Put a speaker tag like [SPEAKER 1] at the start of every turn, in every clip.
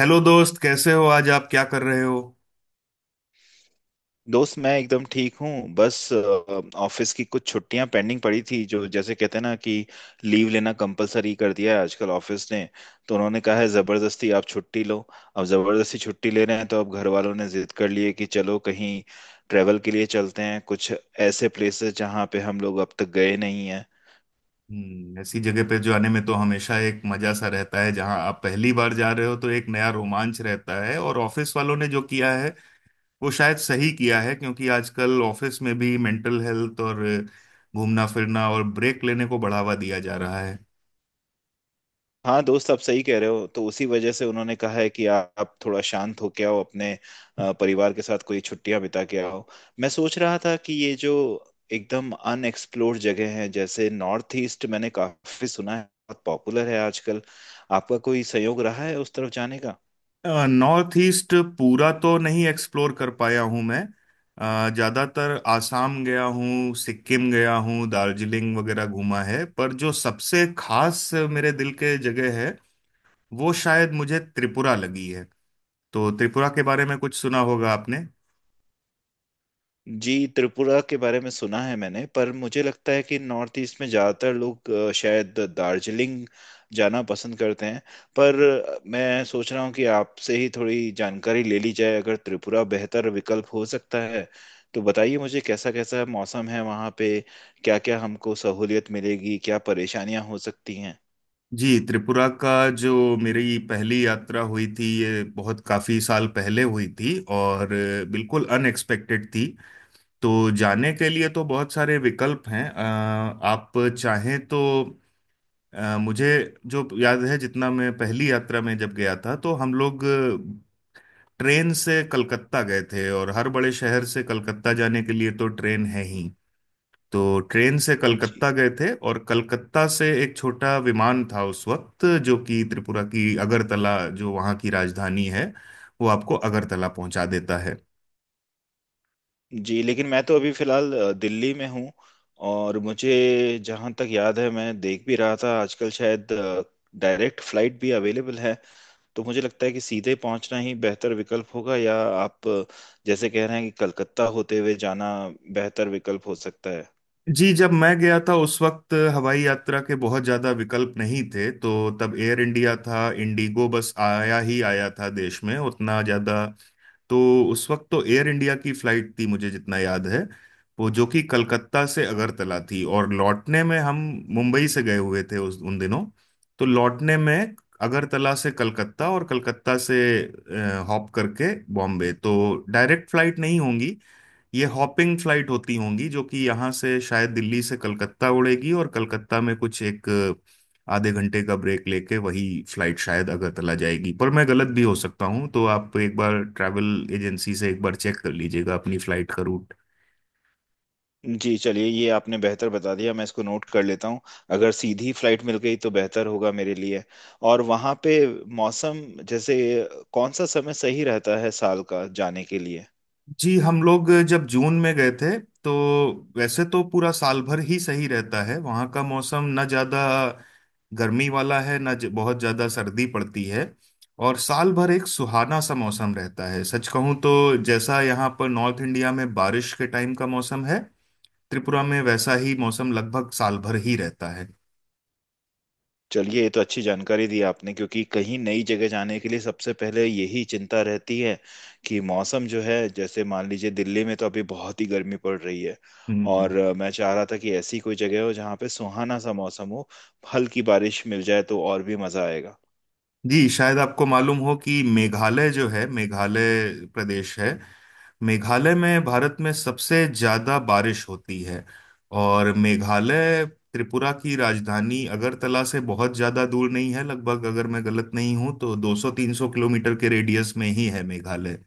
[SPEAKER 1] Hello दोस्त, कैसे हो? आज आप क्या कर रहे हो?
[SPEAKER 2] दोस्त मैं एकदम ठीक हूँ। बस ऑफिस की कुछ छुट्टियां पेंडिंग पड़ी थी। जो जैसे कहते हैं ना कि लीव लेना कंपलसरी कर दिया है आजकल ऑफिस ने, तो उन्होंने कहा है जबरदस्ती आप छुट्टी लो। अब जबरदस्ती छुट्टी ले रहे हैं तो अब घर वालों ने जिद कर ली है कि चलो कहीं ट्रेवल के लिए चलते हैं, कुछ ऐसे प्लेसेस जहाँ पे हम लोग अब तक गए नहीं।
[SPEAKER 1] हम्म, ऐसी जगह पे जाने में तो हमेशा एक मजा सा रहता है। जहां आप पहली बार जा रहे हो तो एक नया रोमांच रहता है। और ऑफिस वालों ने जो किया है वो शायद सही किया है, क्योंकि आजकल ऑफिस में भी मेंटल हेल्थ और घूमना फिरना और ब्रेक लेने को बढ़ावा दिया जा रहा है।
[SPEAKER 2] हाँ दोस्त, आप सही कह रहे हो। तो उसी वजह से उन्होंने कहा है कि आप थोड़ा शांत होके आओ, अपने परिवार के साथ कोई छुट्टियां बिता के आओ। मैं सोच रहा था कि ये जो एकदम अनएक्सप्लोर्ड जगह है जैसे नॉर्थ ईस्ट, मैंने काफी सुना है, बहुत पॉपुलर है आजकल। आपका कोई संयोग रहा है उस तरफ जाने का?
[SPEAKER 1] नॉर्थ ईस्ट पूरा तो नहीं एक्सप्लोर कर पाया हूँ मैं। ज़्यादातर आसाम गया हूँ, सिक्किम गया हूँ, दार्जिलिंग वगैरह घूमा है। पर जो सबसे खास मेरे दिल के जगह है वो शायद मुझे त्रिपुरा लगी है। तो त्रिपुरा के बारे में कुछ सुना होगा आपने?
[SPEAKER 2] जी, त्रिपुरा के बारे में सुना है मैंने। पर मुझे लगता है कि नॉर्थ ईस्ट में ज़्यादातर लोग शायद दार्जिलिंग जाना पसंद करते हैं। पर मैं सोच रहा हूँ कि आपसे ही थोड़ी जानकारी ले ली जाए, अगर त्रिपुरा बेहतर विकल्प हो सकता है तो बताइए मुझे। कैसा कैसा मौसम है वहाँ पे? क्या क्या हमको सहूलियत मिलेगी? क्या परेशानियाँ हो सकती हैं?
[SPEAKER 1] जी, त्रिपुरा का जो मेरी पहली यात्रा हुई थी ये बहुत काफ़ी साल पहले हुई थी, और बिल्कुल अनएक्सपेक्टेड थी। तो जाने के लिए तो बहुत सारे विकल्प हैं। आप चाहें तो, मुझे जो याद है जितना, मैं पहली यात्रा में जब गया था तो हम लोग ट्रेन से कलकत्ता गए थे। और हर बड़े शहर से कलकत्ता जाने के लिए तो ट्रेन है ही। तो ट्रेन से
[SPEAKER 2] जी।
[SPEAKER 1] कलकत्ता गए थे और कलकत्ता से एक छोटा विमान था उस वक्त, जो कि त्रिपुरा की अगरतला जो वहाँ की राजधानी है, वो आपको अगरतला पहुंचा देता है।
[SPEAKER 2] जी लेकिन मैं तो अभी फिलहाल दिल्ली में हूँ, और मुझे जहाँ तक याद है, मैं देख भी रहा था, आजकल शायद डायरेक्ट फ्लाइट भी अवेलेबल है। तो मुझे लगता है कि सीधे पहुँचना ही बेहतर विकल्प होगा, या आप जैसे कह रहे हैं कि कलकत्ता होते हुए जाना बेहतर विकल्प हो सकता है।
[SPEAKER 1] जी, जब मैं गया था उस वक्त हवाई यात्रा के बहुत ज़्यादा विकल्प नहीं थे। तो तब एयर इंडिया था, इंडिगो बस आया ही आया था देश में, उतना ज़्यादा। तो उस वक्त तो एयर इंडिया की फ़्लाइट थी, मुझे जितना याद है, वो जो कि कलकत्ता से अगरतला थी। और लौटने में हम मुंबई से गए हुए थे उस, उन दिनों। तो लौटने में अगरतला से कलकत्ता और कलकत्ता से हॉप करके बॉम्बे। तो डायरेक्ट फ्लाइट नहीं होंगी, ये हॉपिंग फ्लाइट होती होंगी, जो कि यहाँ से शायद दिल्ली से कलकत्ता उड़ेगी, और कलकत्ता में कुछ एक आधे घंटे का ब्रेक लेके वही फ्लाइट शायद अगरतला जाएगी। पर मैं गलत भी हो सकता हूँ, तो आप एक बार ट्रैवल एजेंसी से एक बार चेक कर लीजिएगा अपनी फ्लाइट का रूट।
[SPEAKER 2] जी चलिए, ये आपने बेहतर बता दिया, मैं इसको नोट कर लेता हूँ। अगर सीधी फ्लाइट मिल गई तो बेहतर होगा मेरे लिए। और वहाँ पे मौसम, जैसे कौन सा समय सही रहता है साल का जाने के लिए?
[SPEAKER 1] जी, हम लोग जब जून में गए थे तो, वैसे तो पूरा साल भर ही सही रहता है वहाँ का मौसम। ना ज़्यादा गर्मी वाला है, ना बहुत ज़्यादा सर्दी पड़ती है। और साल भर एक सुहाना सा मौसम रहता है। सच कहूँ तो, जैसा यहाँ पर नॉर्थ इंडिया में बारिश के टाइम का मौसम है, त्रिपुरा में वैसा ही मौसम लगभग साल भर ही रहता है।
[SPEAKER 2] चलिए, ये तो अच्छी जानकारी दी आपने। क्योंकि कहीं नई जगह जाने के लिए सबसे पहले यही चिंता रहती है कि मौसम जो है, जैसे मान लीजिए दिल्ली में तो अभी बहुत ही गर्मी पड़ रही है।
[SPEAKER 1] हम्म,
[SPEAKER 2] और मैं चाह रहा था कि ऐसी कोई जगह हो जहाँ पे सुहाना सा मौसम हो, हल्की बारिश मिल जाए तो और भी मजा आएगा।
[SPEAKER 1] जी, शायद आपको मालूम हो कि मेघालय जो है, मेघालय प्रदेश है, मेघालय में भारत में सबसे ज्यादा बारिश होती है। और मेघालय त्रिपुरा की राजधानी अगरतला से बहुत ज्यादा दूर नहीं है। लगभग, अगर मैं गलत नहीं हूं तो 200-300 किलोमीटर के रेडियस में ही है मेघालय।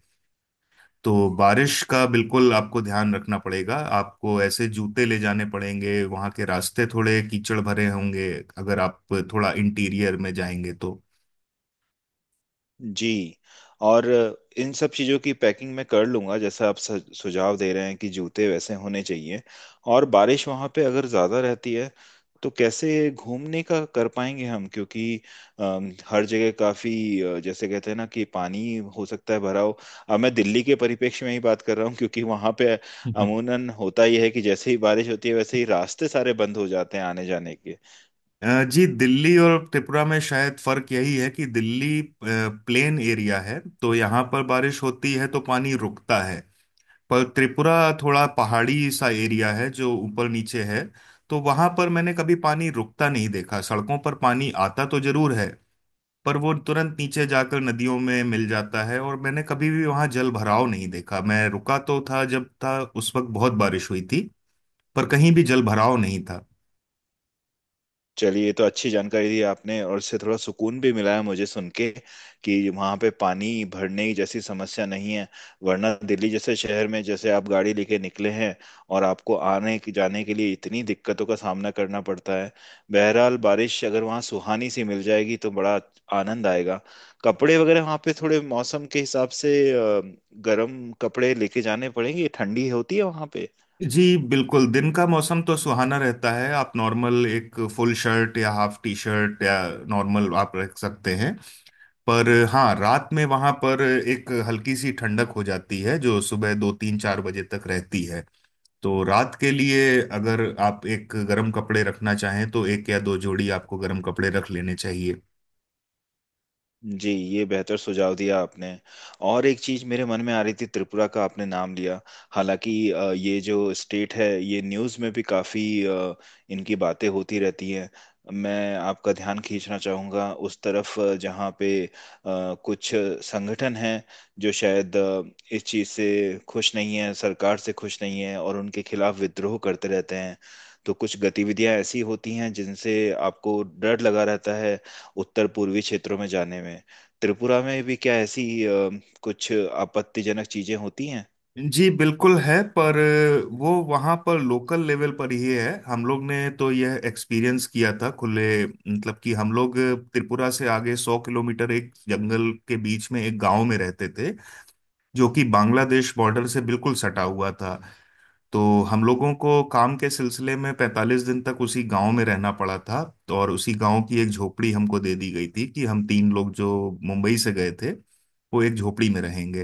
[SPEAKER 1] तो बारिश का बिल्कुल आपको ध्यान रखना पड़ेगा। आपको ऐसे जूते ले जाने पड़ेंगे, वहां के रास्ते थोड़े कीचड़ भरे होंगे अगर आप थोड़ा इंटीरियर में जाएंगे तो।
[SPEAKER 2] जी। और इन सब चीज़ों की पैकिंग मैं कर लूंगा, जैसा आप सुझाव दे रहे हैं कि जूते वैसे होने चाहिए। और बारिश वहाँ पे अगर ज़्यादा रहती है तो कैसे घूमने का कर पाएंगे हम, क्योंकि हर जगह काफ़ी जैसे कहते हैं ना कि पानी हो सकता है भरा हो। अब मैं दिल्ली के परिप्रेक्ष्य में ही बात कर रहा हूँ, क्योंकि वहाँ पे अमूनन होता ही है कि जैसे ही बारिश होती है वैसे ही रास्ते सारे बंद हो जाते हैं आने जाने के।
[SPEAKER 1] जी, दिल्ली और त्रिपुरा में शायद फर्क यही है कि दिल्ली प्लेन एरिया है, तो यहाँ पर बारिश होती है तो पानी रुकता है। पर त्रिपुरा थोड़ा पहाड़ी सा एरिया है जो ऊपर नीचे है। तो वहां पर मैंने कभी पानी रुकता नहीं देखा। सड़कों पर पानी आता तो जरूर है, पर वो तुरंत नीचे जाकर नदियों में मिल जाता है। और मैंने कभी भी वहां जल भराव नहीं देखा। मैं रुका तो था, जब था उस वक्त बहुत बारिश हुई थी, पर कहीं भी जल भराव नहीं था।
[SPEAKER 2] चलिए, ये तो अच्छी जानकारी दी आपने, और इससे थोड़ा सुकून भी मिला है मुझे सुन के, कि वहाँ पे पानी भरने की जैसी समस्या नहीं है। वरना दिल्ली जैसे शहर में, जैसे आप गाड़ी लेके निकले हैं और आपको जाने के लिए इतनी दिक्कतों का सामना करना पड़ता है। बहरहाल, बारिश अगर वहाँ सुहानी सी मिल जाएगी तो बड़ा आनंद आएगा। कपड़े वगैरह वहाँ पे थोड़े मौसम के हिसाब से गर्म कपड़े लेके जाने पड़ेंगे? ठंडी होती है वहाँ?
[SPEAKER 1] जी बिल्कुल, दिन का मौसम तो सुहाना रहता है। आप नॉर्मल एक फुल शर्ट या हाफ टी शर्ट या नॉर्मल आप रख सकते हैं। पर हाँ, रात में वहां पर एक हल्की सी ठंडक हो जाती है, जो सुबह दो तीन चार बजे तक रहती है। तो रात के लिए, अगर आप एक गर्म कपड़े रखना चाहें तो एक या दो जोड़ी आपको गर्म कपड़े रख लेने चाहिए।
[SPEAKER 2] जी, ये बेहतर सुझाव दिया आपने। और एक चीज मेरे मन में आ रही थी, त्रिपुरा का आपने नाम लिया, हालांकि ये जो स्टेट है ये न्यूज़ में भी काफी इनकी बातें होती रहती हैं। मैं आपका ध्यान खींचना चाहूंगा उस तरफ, जहाँ पे कुछ संगठन हैं जो शायद इस चीज से खुश नहीं है, सरकार से खुश नहीं है और उनके खिलाफ विद्रोह करते रहते हैं। तो कुछ गतिविधियां ऐसी होती हैं जिनसे आपको डर लगा रहता है उत्तर पूर्वी क्षेत्रों में जाने में। त्रिपुरा में भी क्या ऐसी कुछ आपत्तिजनक चीजें होती हैं?
[SPEAKER 1] जी बिल्कुल है, पर वो वहाँ पर लोकल लेवल पर ही है। हम लोग ने तो यह एक्सपीरियंस किया था खुले, मतलब कि हम लोग त्रिपुरा से आगे 100 किलोमीटर एक जंगल के बीच में एक गांव में रहते थे, जो कि बांग्लादेश बॉर्डर से बिल्कुल सटा हुआ था। तो हम लोगों को काम के सिलसिले में 45 दिन तक उसी गांव में रहना पड़ा था। तो और उसी गांव की एक झोपड़ी हमको दे दी गई थी कि हम तीन लोग जो मुंबई से गए थे वो एक झोपड़ी में रहेंगे।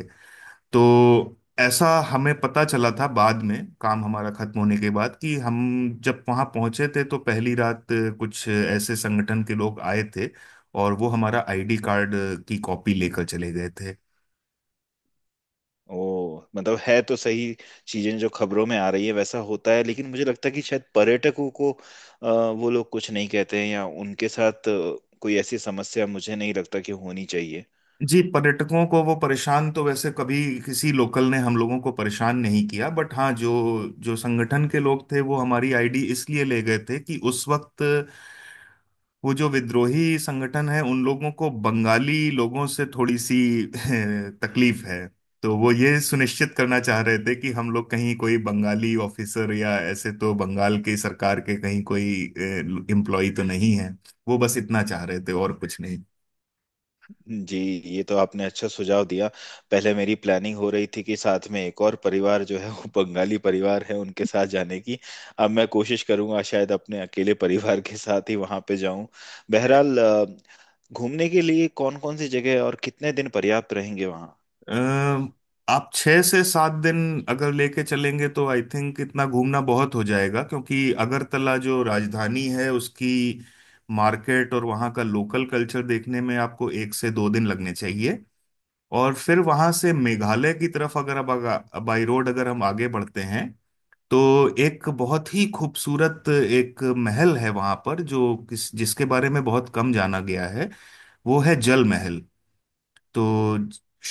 [SPEAKER 1] तो ऐसा हमें पता चला था बाद में, काम हमारा खत्म होने के बाद, कि हम जब वहां पहुंचे थे तो पहली रात कुछ ऐसे संगठन के लोग आए थे, और वो हमारा आईडी कार्ड की कॉपी लेकर चले गए थे।
[SPEAKER 2] ओ, मतलब है तो सही। चीजें जो खबरों में आ रही है वैसा होता है, लेकिन मुझे लगता है कि शायद पर्यटकों को वो लोग कुछ नहीं कहते हैं, या उनके साथ कोई ऐसी समस्या मुझे नहीं लगता कि होनी चाहिए।
[SPEAKER 1] जी, पर्यटकों को वो परेशान तो वैसे कभी, किसी लोकल ने हम लोगों को परेशान नहीं किया। बट हाँ, जो जो संगठन के लोग थे, वो हमारी आईडी इसलिए ले गए थे कि उस वक्त वो जो विद्रोही संगठन है, उन लोगों को बंगाली लोगों से थोड़ी सी तकलीफ है। तो वो ये सुनिश्चित करना चाह रहे थे कि हम लोग कहीं कोई बंगाली ऑफिसर या ऐसे तो बंगाल की सरकार के कहीं कोई एम्प्लॉय तो नहीं है। वो बस इतना चाह रहे थे, और कुछ नहीं।
[SPEAKER 2] जी, ये तो आपने अच्छा सुझाव दिया। पहले मेरी प्लानिंग हो रही थी कि साथ में एक और परिवार जो है वो बंगाली परिवार है, उनके साथ जाने की। अब मैं कोशिश करूंगा शायद अपने अकेले परिवार के साथ ही वहां पे जाऊं। बहरहाल घूमने के लिए कौन कौन सी जगह और कितने दिन पर्याप्त रहेंगे वहाँ?
[SPEAKER 1] अम, आप छह से सात दिन अगर लेके चलेंगे तो आई थिंक इतना घूमना बहुत हो जाएगा। क्योंकि अगरतला जो राजधानी है उसकी मार्केट और वहाँ का लोकल कल्चर देखने में आपको एक से दो दिन लगने चाहिए। और फिर वहाँ से मेघालय की तरफ अगर, अब अगर बाई रोड अगर हम आगे बढ़ते हैं तो, एक बहुत ही खूबसूरत एक महल है वहाँ पर, जो किस जिसके बारे में बहुत कम जाना गया है, वो है जल महल। तो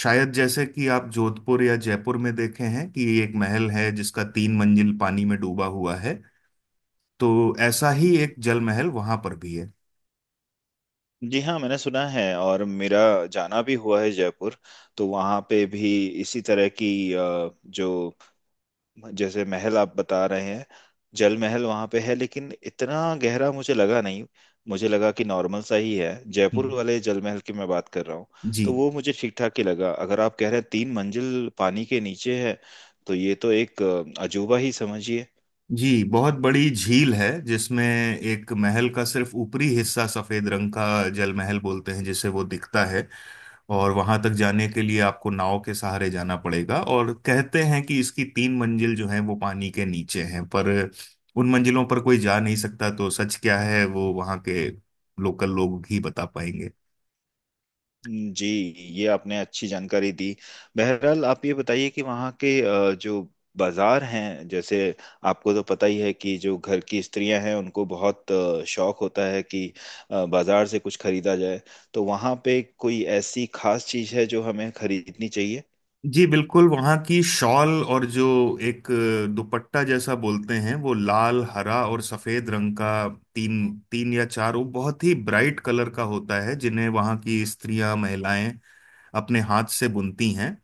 [SPEAKER 1] शायद जैसे कि आप जोधपुर या जयपुर में देखे हैं कि एक महल है जिसका तीन मंजिल पानी में डूबा हुआ है, तो ऐसा ही एक जल महल वहां पर भी है।
[SPEAKER 2] जी हाँ, मैंने सुना है, और मेरा जाना भी हुआ है जयपुर। तो वहाँ पे भी इसी तरह की जो जैसे महल आप बता रहे हैं, जल महल वहां पे है, लेकिन इतना गहरा मुझे लगा नहीं। मुझे लगा कि नॉर्मल सा ही है, जयपुर
[SPEAKER 1] हम्म।
[SPEAKER 2] वाले जल महल की मैं बात कर रहा हूँ। तो
[SPEAKER 1] जी।
[SPEAKER 2] वो मुझे ठीक ठाक ही लगा। अगर आप कह रहे हैं तीन मंजिल पानी के नीचे है, तो ये तो एक अजूबा ही समझिए।
[SPEAKER 1] जी, बहुत बड़ी झील है जिसमें एक महल का सिर्फ ऊपरी हिस्सा, सफेद रंग का, जल महल बोलते हैं जिसे, वो दिखता है। और वहां तक जाने के लिए आपको नाव के सहारे जाना पड़ेगा। और कहते हैं कि इसकी तीन मंजिल जो है वो पानी के नीचे हैं, पर उन मंजिलों पर कोई जा नहीं सकता। तो सच क्या है वो वहां के लोकल लोग ही बता पाएंगे।
[SPEAKER 2] जी। ये आपने अच्छी जानकारी दी। बहरहाल, आप ये बताइए कि वहाँ के जो बाजार हैं, जैसे आपको तो पता ही है कि जो घर की स्त्रियां हैं उनको बहुत शौक होता है कि बाजार से कुछ खरीदा जाए। तो वहाँ पे कोई ऐसी खास चीज़ है जो हमें खरीदनी चाहिए?
[SPEAKER 1] जी बिल्कुल, वहाँ की शॉल, और जो एक दुपट्टा जैसा बोलते हैं, वो लाल हरा और सफेद रंग का, तीन, तीन या चार, वो बहुत ही ब्राइट कलर का होता है, जिन्हें वहाँ की स्त्रियां, महिलाएं अपने हाथ से बुनती हैं।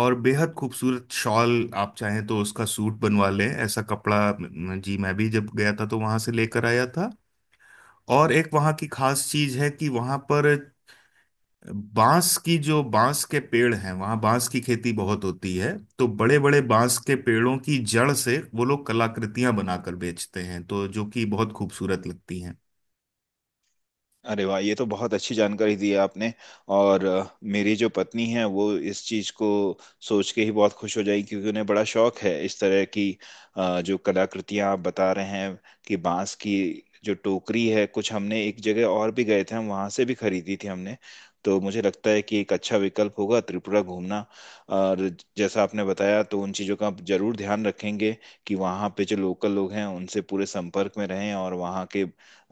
[SPEAKER 1] और बेहद खूबसूरत शॉल, आप चाहें तो उसका सूट बनवा लें, ऐसा कपड़ा जी मैं भी जब गया था तो वहां से लेकर आया था। और एक वहाँ की खास चीज है कि वहां पर बांस की, जो बांस के पेड़ हैं, वहाँ बांस की खेती बहुत होती है। तो बड़े बड़े बांस के पेड़ों की जड़ से वो लोग कलाकृतियां बनाकर बेचते हैं, तो जो कि बहुत खूबसूरत लगती हैं।
[SPEAKER 2] अरे वाह, ये तो बहुत अच्छी जानकारी दी है आपने। और मेरी जो पत्नी है वो इस चीज़ को सोच के ही बहुत खुश हो जाएगी, क्योंकि उन्हें बड़ा शौक है इस तरह की जो कलाकृतियां आप बता रहे हैं कि बांस की। जो टोकरी है कुछ हमने, एक जगह और भी गए थे हम वहां से भी खरीदी थी हमने। तो मुझे लगता है कि एक अच्छा विकल्प होगा त्रिपुरा घूमना। और जैसा आपने बताया तो उन चीज़ों का जरूर ध्यान रखेंगे, कि वहाँ पे जो लोकल लोग हैं उनसे पूरे संपर्क में रहें, और वहाँ के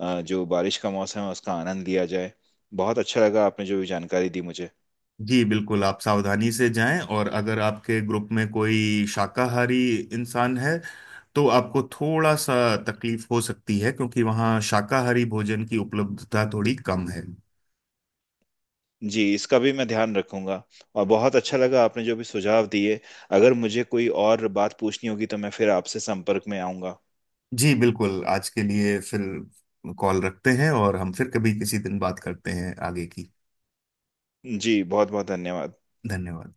[SPEAKER 2] जो बारिश का मौसम है उसका आनंद लिया जाए। बहुत अच्छा लगा आपने जो भी जानकारी दी मुझे।
[SPEAKER 1] जी बिल्कुल, आप सावधानी से जाएं। और अगर आपके ग्रुप में कोई शाकाहारी इंसान है तो आपको थोड़ा सा तकलीफ हो सकती है, क्योंकि वहाँ शाकाहारी भोजन की उपलब्धता थोड़ी कम है।
[SPEAKER 2] जी, इसका भी मैं ध्यान रखूंगा। और बहुत अच्छा लगा आपने जो भी सुझाव दिए। अगर मुझे कोई और बात पूछनी होगी तो मैं फिर आपसे संपर्क में आऊंगा।
[SPEAKER 1] जी बिल्कुल, आज के लिए फिर कॉल रखते हैं, और हम फिर कभी किसी दिन बात करते हैं आगे की।
[SPEAKER 2] जी, बहुत बहुत धन्यवाद।
[SPEAKER 1] धन्यवाद।